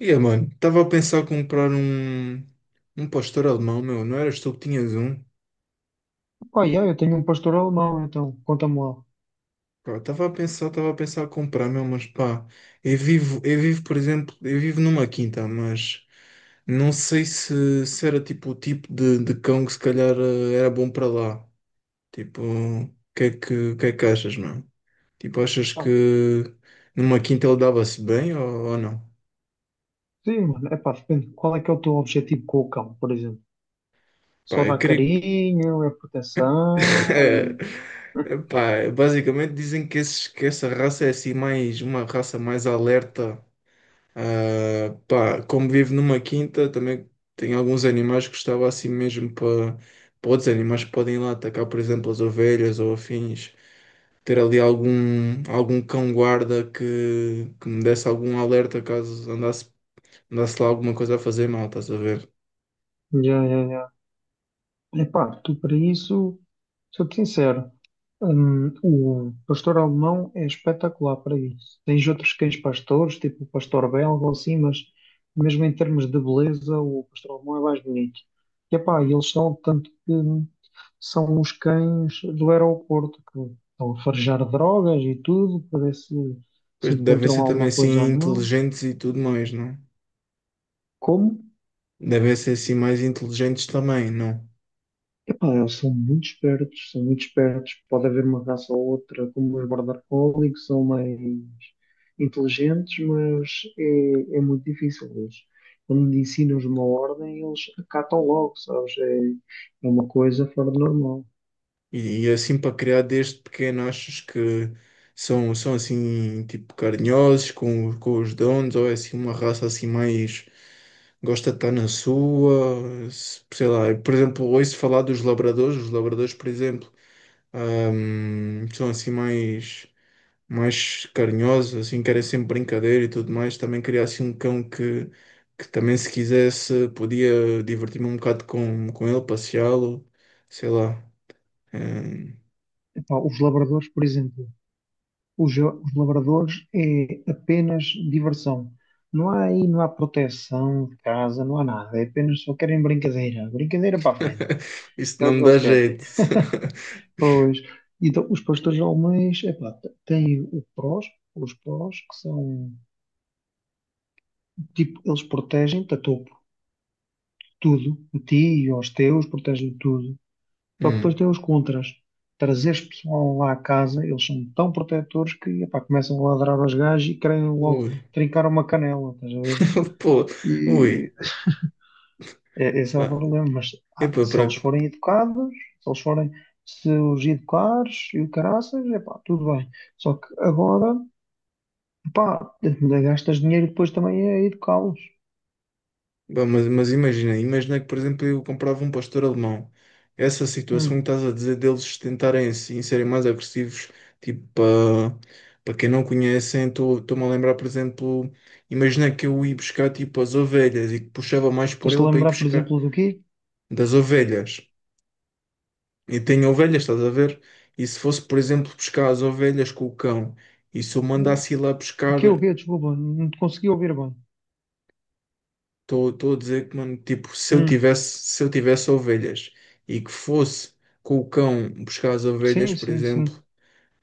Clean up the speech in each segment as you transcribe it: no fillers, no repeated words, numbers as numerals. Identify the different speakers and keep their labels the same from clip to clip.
Speaker 1: E yeah, mano, estava a pensar comprar um pastor alemão, meu. Não eras tu que tinhas um?
Speaker 2: Pá, yeah, eu tenho um pastor alemão, então conta-me lá.
Speaker 1: Estava a pensar comprar, meu, mas pá, por exemplo, eu vivo numa quinta, mas não sei se era tipo o tipo de cão que se calhar era bom para lá. Tipo, o que é que achas, mano? Tipo, achas que
Speaker 2: Ah,
Speaker 1: numa quinta ele dava-se bem ou não?
Speaker 2: sim, mano, é pá, depende. Qual é que é o teu objetivo com o cão, por exemplo? Só
Speaker 1: Pá, eu
Speaker 2: dar
Speaker 1: queria.
Speaker 2: carinho, é proteção, é.
Speaker 1: Epá, basicamente dizem que, que essa raça é assim mais uma raça mais alerta. Ah, pá, como vivo numa quinta, também tem alguns animais que estava assim mesmo para outros animais que podem ir lá atacar, por exemplo, as ovelhas ou afins. Ter ali algum cão-guarda que me desse algum alerta caso andasse lá alguma coisa a fazer mal, estás a ver?
Speaker 2: Já, já, já. Epá, tu para isso, sou-te sincero. O pastor alemão é espetacular para isso. Tens outros cães pastores, tipo o pastor belga ou assim, mas mesmo em termos de beleza, o pastor alemão é mais bonito. E epá, eles são tanto que são os cães do aeroporto que estão a farejar drogas e tudo para ver se
Speaker 1: Pois
Speaker 2: se
Speaker 1: devem
Speaker 2: encontram
Speaker 1: ser também
Speaker 2: alguma coisa ou
Speaker 1: assim
Speaker 2: não.
Speaker 1: inteligentes e tudo mais, não? É?
Speaker 2: Como?
Speaker 1: Devem ser assim mais inteligentes também, não?
Speaker 2: Ah, eles são muito espertos, são muito espertos. Pode haver uma raça ou outra, como os Border Collie, que são mais inteligentes, mas é, é muito difícil. Eles, quando lhe ensinam uma ordem, eles acatam logo, sabes? É, é uma coisa fora do normal.
Speaker 1: E assim para criar desde pequeno, achas que são assim tipo carinhosos com os donos, ou é assim uma raça assim mais, gosta de estar na sua, sei lá, por exemplo, ouço falar dos labradores, os labradores, por exemplo, são assim mais carinhosos, assim, que sempre brincadeira e tudo mais. Também queria assim um cão que também, se quisesse, podia divertir-me um bocado com ele, passeá-lo, sei lá. Hum.
Speaker 2: Epá, os labradores, por exemplo, os labradores é apenas diversão. Não há aí, não há proteção de casa, não há nada. É apenas só querem brincadeira. Brincadeira para a frente.
Speaker 1: Isso
Speaker 2: É
Speaker 1: não
Speaker 2: o
Speaker 1: me
Speaker 2: que eles
Speaker 1: dá
Speaker 2: querem.
Speaker 1: jeito.
Speaker 2: Pois, então os pastores alemães, epá, têm o prós, os prós, que são, tipo, eles protegem-te a topo, tudo, a ti e aos teus, protegem tudo. Só que depois
Speaker 1: Hum.
Speaker 2: têm os contras. Trazeres pessoal lá à casa, eles são tão protetores que, epá, começam a ladrar aos gajos e querem logo
Speaker 1: Ui,
Speaker 2: trincar uma canela, estás a ver?
Speaker 1: pô,
Speaker 2: E
Speaker 1: ui.
Speaker 2: é, esse é o
Speaker 1: Ah,
Speaker 2: problema, mas ah,
Speaker 1: epá,
Speaker 2: se eles forem educados, se eles forem, se os educares e o caraças, epá, tudo bem. Só que agora pá, ainda gastas dinheiro depois também a educá-los.
Speaker 1: bah, mas, imagina que, por exemplo, eu comprava um pastor alemão. Essa situação que
Speaker 2: Hum.
Speaker 1: estás a dizer deles tentarem assim serem mais agressivos, tipo, para quem não conhecem, estou-me a lembrar, por exemplo, imagina que eu ia buscar tipo as ovelhas e que puxava mais por
Speaker 2: Tens de
Speaker 1: ele para ir
Speaker 2: lembrar, por
Speaker 1: buscar
Speaker 2: exemplo, do quê?
Speaker 1: das ovelhas. E tenho ovelhas, estás a ver? E se fosse, por exemplo, buscar as ovelhas com o cão, e se eu mandasse ir lá
Speaker 2: O
Speaker 1: buscar.
Speaker 2: quê, o quê? Desculpa, não te consegui ouvir bem.
Speaker 1: Estou a dizer que, mano, tipo, se eu
Speaker 2: Hum.
Speaker 1: tivesse, se eu tivesse ovelhas e que fosse com o cão buscar as
Speaker 2: Sim,
Speaker 1: ovelhas, por
Speaker 2: sim,
Speaker 1: exemplo,
Speaker 2: sim.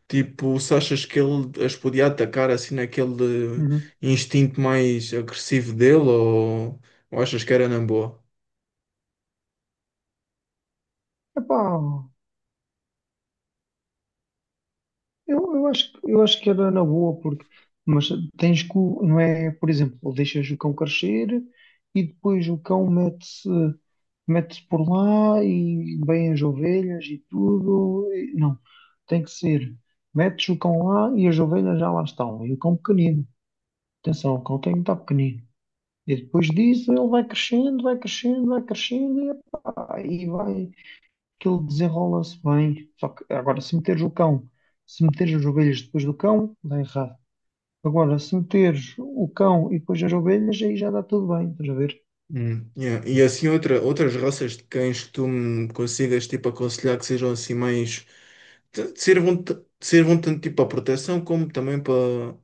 Speaker 1: tipo, se achas que ele as podia atacar assim naquele
Speaker 2: Uhum.
Speaker 1: instinto mais agressivo dele, ou achas que era na boa?
Speaker 2: Epá, eu acho, eu acho que era na boa, porque, mas tens que, não é, por exemplo, deixas o cão crescer e depois o cão mete-se, mete-se por lá e vêm as ovelhas e tudo. Não, tem que ser, metes o cão lá e as ovelhas já lá estão, e o cão pequenino. Atenção, o cão tem muito pequenino. E depois disso ele vai crescendo, vai crescendo, vai crescendo e, epá, e vai que ele desenrola-se bem. Só que agora se meteres o cão, se meteres as ovelhas depois do cão, dá errado. Agora, se meteres o cão e depois as ovelhas, aí já dá tudo bem, estás a ver?
Speaker 1: Yeah. E assim outras raças de cães que tu me consigas tipo aconselhar que sejam assim mais, te sirvam tanto tipo para proteção como também para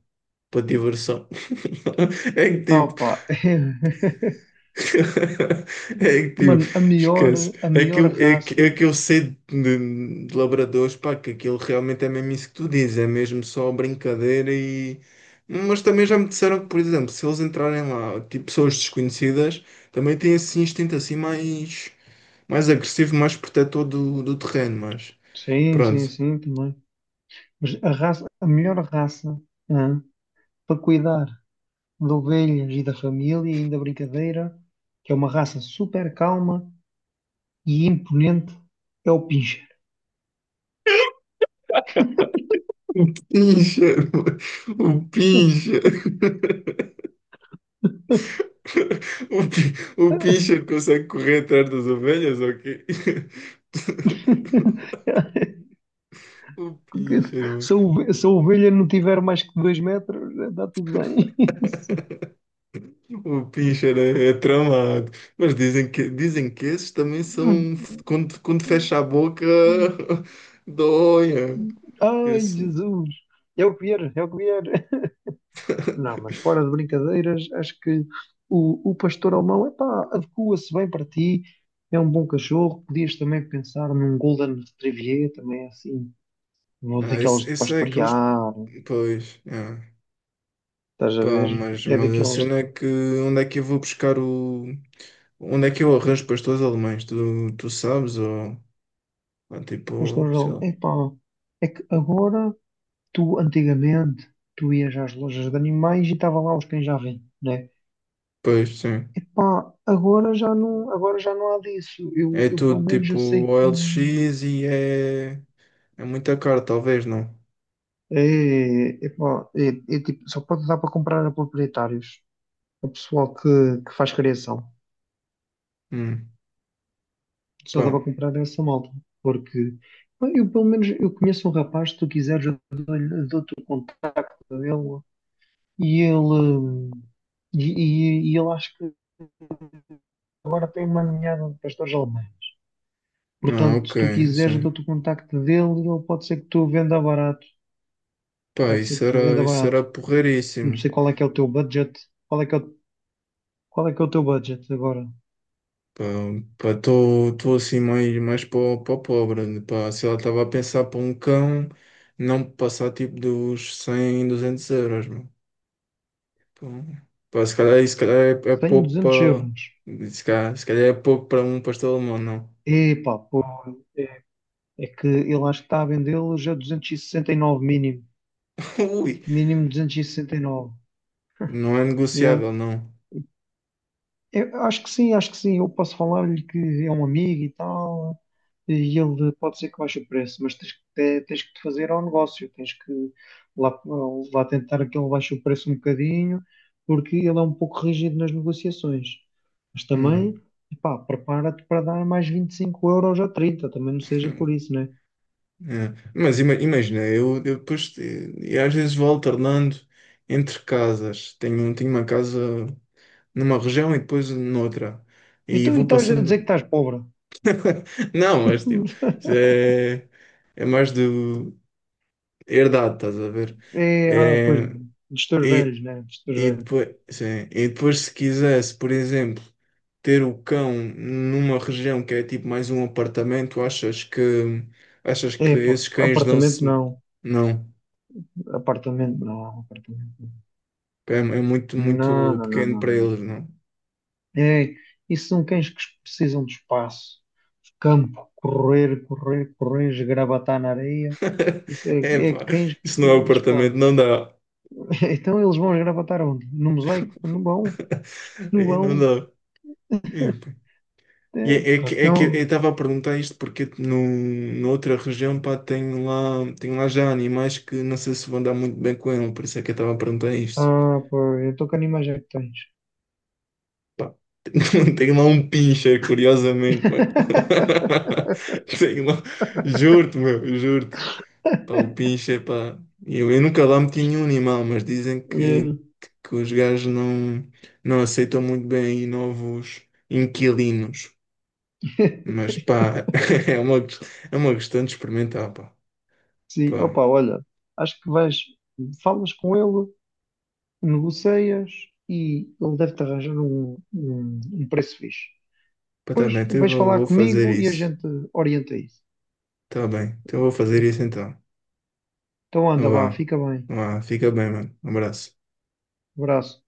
Speaker 1: para diversão. É que
Speaker 2: Ah,
Speaker 1: tipo,
Speaker 2: opa.
Speaker 1: é que tipo,
Speaker 2: Mano,
Speaker 1: esquece.
Speaker 2: a melhor raça.
Speaker 1: É que eu sei de labradores, pá, que aquilo realmente é mesmo isso que tu dizes, é mesmo só brincadeira e. Mas também já me disseram que, por exemplo, se eles entrarem lá, tipo pessoas desconhecidas, também têm esse instinto assim mais agressivo, mais protetor do terreno, mas
Speaker 2: Sim, sim,
Speaker 1: pronto.
Speaker 2: sim, também. Mas a raça, a melhor raça, hã, para cuidar Lovelhos e da família, ainda brincadeira, que é uma raça super calma e imponente, é o pincher.
Speaker 1: O pincha, o pincha. O, pi- o pincher consegue correr atrás das ovelhas, ok? O pincher, mano.
Speaker 2: Se a ovelha não tiver mais que 2 metros, está tudo bem.
Speaker 1: O pincher é, é tramado. Mas dizem que esses também são. Quando fecha a boca, doia.
Speaker 2: Ai,
Speaker 1: Esse,
Speaker 2: Jesus! É o que vier, é o que vier. Não, mas fora de brincadeiras, acho que o pastor alemão, epá, adequa-se bem para ti, é um bom cachorro. Podias também pensar num Golden Retriever, também é assim. Não é
Speaker 1: ah,
Speaker 2: daqueles
Speaker 1: esse,
Speaker 2: de
Speaker 1: esse é aqueles.
Speaker 2: pastorear,
Speaker 1: Pois, é.
Speaker 2: estás a
Speaker 1: Pá,
Speaker 2: ver?
Speaker 1: mas,
Speaker 2: É
Speaker 1: mas a
Speaker 2: daqueles de
Speaker 1: cena é que onde é que eu vou buscar o. Onde é que eu arranjo pastores alemães? Tu sabes? Ou tipo,
Speaker 2: pastorear.
Speaker 1: sei lá.
Speaker 2: Epá, é que agora, tu antigamente, tu ias às lojas de animais e estava lá os cães já vêm, né?
Speaker 1: Pois, sim.
Speaker 2: Epá, agora já não há disso. Eu,
Speaker 1: É
Speaker 2: eu pelo
Speaker 1: tudo
Speaker 2: menos eu
Speaker 1: tipo
Speaker 2: sei que
Speaker 1: OLX e é muito caro, talvez, não?
Speaker 2: é, epá, é, é tipo, só pode dar para comprar a proprietários, a pessoal que faz criação.
Speaker 1: Hum,
Speaker 2: Só dá para
Speaker 1: pá.
Speaker 2: comprar essa malta, porque bem, eu, pelo menos, eu conheço um rapaz, se tu quiseres, dou-te o dele e ele hum, e, e ele acho que agora tem uma ninhada de pastores alemães.
Speaker 1: Ah,
Speaker 2: Portanto,
Speaker 1: ok.
Speaker 2: se tu quiseres, eu
Speaker 1: Sim.
Speaker 2: dou-te o contacto dele e ele pode ser que tu venda barato.
Speaker 1: Pá,
Speaker 2: Pode ser que
Speaker 1: isso
Speaker 2: tu venda
Speaker 1: era, isso era
Speaker 2: barato. Não
Speaker 1: porreiríssimo.
Speaker 2: sei qual é que é o teu budget. Qual é que é o, qual é que é o teu budget agora?
Speaker 1: Pá, pá, estou assim mais para o pobre. Pá, se ela estava a pensar para um cão, não passar tipo dos 100, 200 euros, meu. Pá, pá, se calhar é
Speaker 2: 100,
Speaker 1: pouco
Speaker 2: 200
Speaker 1: para.
Speaker 2: euros.
Speaker 1: Se calhar é pouco para um pastor alemão, não.
Speaker 2: Epá, pô, é, é que ele acho que está a vendê-los a 269 mínimo.
Speaker 1: Ui,
Speaker 2: Mínimo 269.
Speaker 1: não é negociável, não.
Speaker 2: Eu acho que sim, acho que sim. Eu posso falar-lhe que é um amigo e tal, e ele pode ser que baixe o preço, mas tens que, tens que te fazer ao negócio, tens que lá, lá tentar que ele baixe o preço um bocadinho, porque ele é um pouco rígido nas negociações. Mas também,
Speaker 1: Hum.
Speaker 2: pá, prepara-te para dar mais 25 euros ou 30, também não seja por isso, né?
Speaker 1: É, mas imagina, eu depois, eu às vezes vou alternando entre casas. Tenho uma casa numa região e depois noutra. E
Speaker 2: Então, e
Speaker 1: vou
Speaker 2: estás a dizer que
Speaker 1: passando.
Speaker 2: estás pobre?
Speaker 1: Não, mas tipo, isso é, é mais do herdado, estás a ver?
Speaker 2: É, ah, pois,
Speaker 1: É,
Speaker 2: dos teus velhos,
Speaker 1: e,
Speaker 2: né? Dos teus
Speaker 1: e
Speaker 2: velhos.
Speaker 1: depois, sim, e depois, se quisesse, por exemplo, ter o cão numa região que é tipo mais um apartamento, achas que
Speaker 2: É, pá,
Speaker 1: esses cães
Speaker 2: apartamento
Speaker 1: dão-se.
Speaker 2: não.
Speaker 1: Não.
Speaker 2: Apartamento, não, apartamento.
Speaker 1: É, é, muito,
Speaker 2: Não,
Speaker 1: muito
Speaker 2: não, não,
Speaker 1: pequeno
Speaker 2: não,
Speaker 1: para eles,
Speaker 2: não.
Speaker 1: não?
Speaker 2: É, isso são cães que precisam de espaço, campo, correr, correr, correr, esgravatar na areia. Isso é, é
Speaker 1: Epá,
Speaker 2: cães que
Speaker 1: isso não é um
Speaker 2: precisam de
Speaker 1: apartamento,
Speaker 2: espaço.
Speaker 1: não dá.
Speaker 2: Então eles vão esgravatar onde? No mosaico? Não vão, não
Speaker 1: Aí não
Speaker 2: vão.
Speaker 1: dá. Epá. E
Speaker 2: É,
Speaker 1: é, é
Speaker 2: pá,
Speaker 1: que, é que eu
Speaker 2: então,
Speaker 1: estava a perguntar isto porque no, noutra região, pá, tem lá já animais que não sei se vão dar muito bem com ele, por isso é que eu estava a perguntar isto.
Speaker 2: ah, pá, eu estou com animais é que tens.
Speaker 1: Pá, tem lá um pincher, curiosamente, mano. Tem lá, juro-te, meu, juro. Pá, o pinche, pá, eu nunca lá meti nenhum animal, mas dizem que,
Speaker 2: É.
Speaker 1: que os gajos não aceitam muito bem aí novos inquilinos. Mas pá, é uma, é uma questão de experimentar, pá.
Speaker 2: Sim,
Speaker 1: Pá,
Speaker 2: opa, olha, acho que vais, falas com ele, negocias e ele deve-te arranjar um, um, um preço fixe.
Speaker 1: pá, tá bem,
Speaker 2: Depois
Speaker 1: então eu
Speaker 2: vais
Speaker 1: vou,
Speaker 2: falar
Speaker 1: vou fazer
Speaker 2: comigo e a
Speaker 1: isso.
Speaker 2: gente orienta isso.
Speaker 1: Tá bem, então eu vou fazer isso então.
Speaker 2: Então anda,
Speaker 1: Então
Speaker 2: vá,
Speaker 1: vá,
Speaker 2: fica bem.
Speaker 1: vá, fica bem, mano. Um abraço.
Speaker 2: Abraço.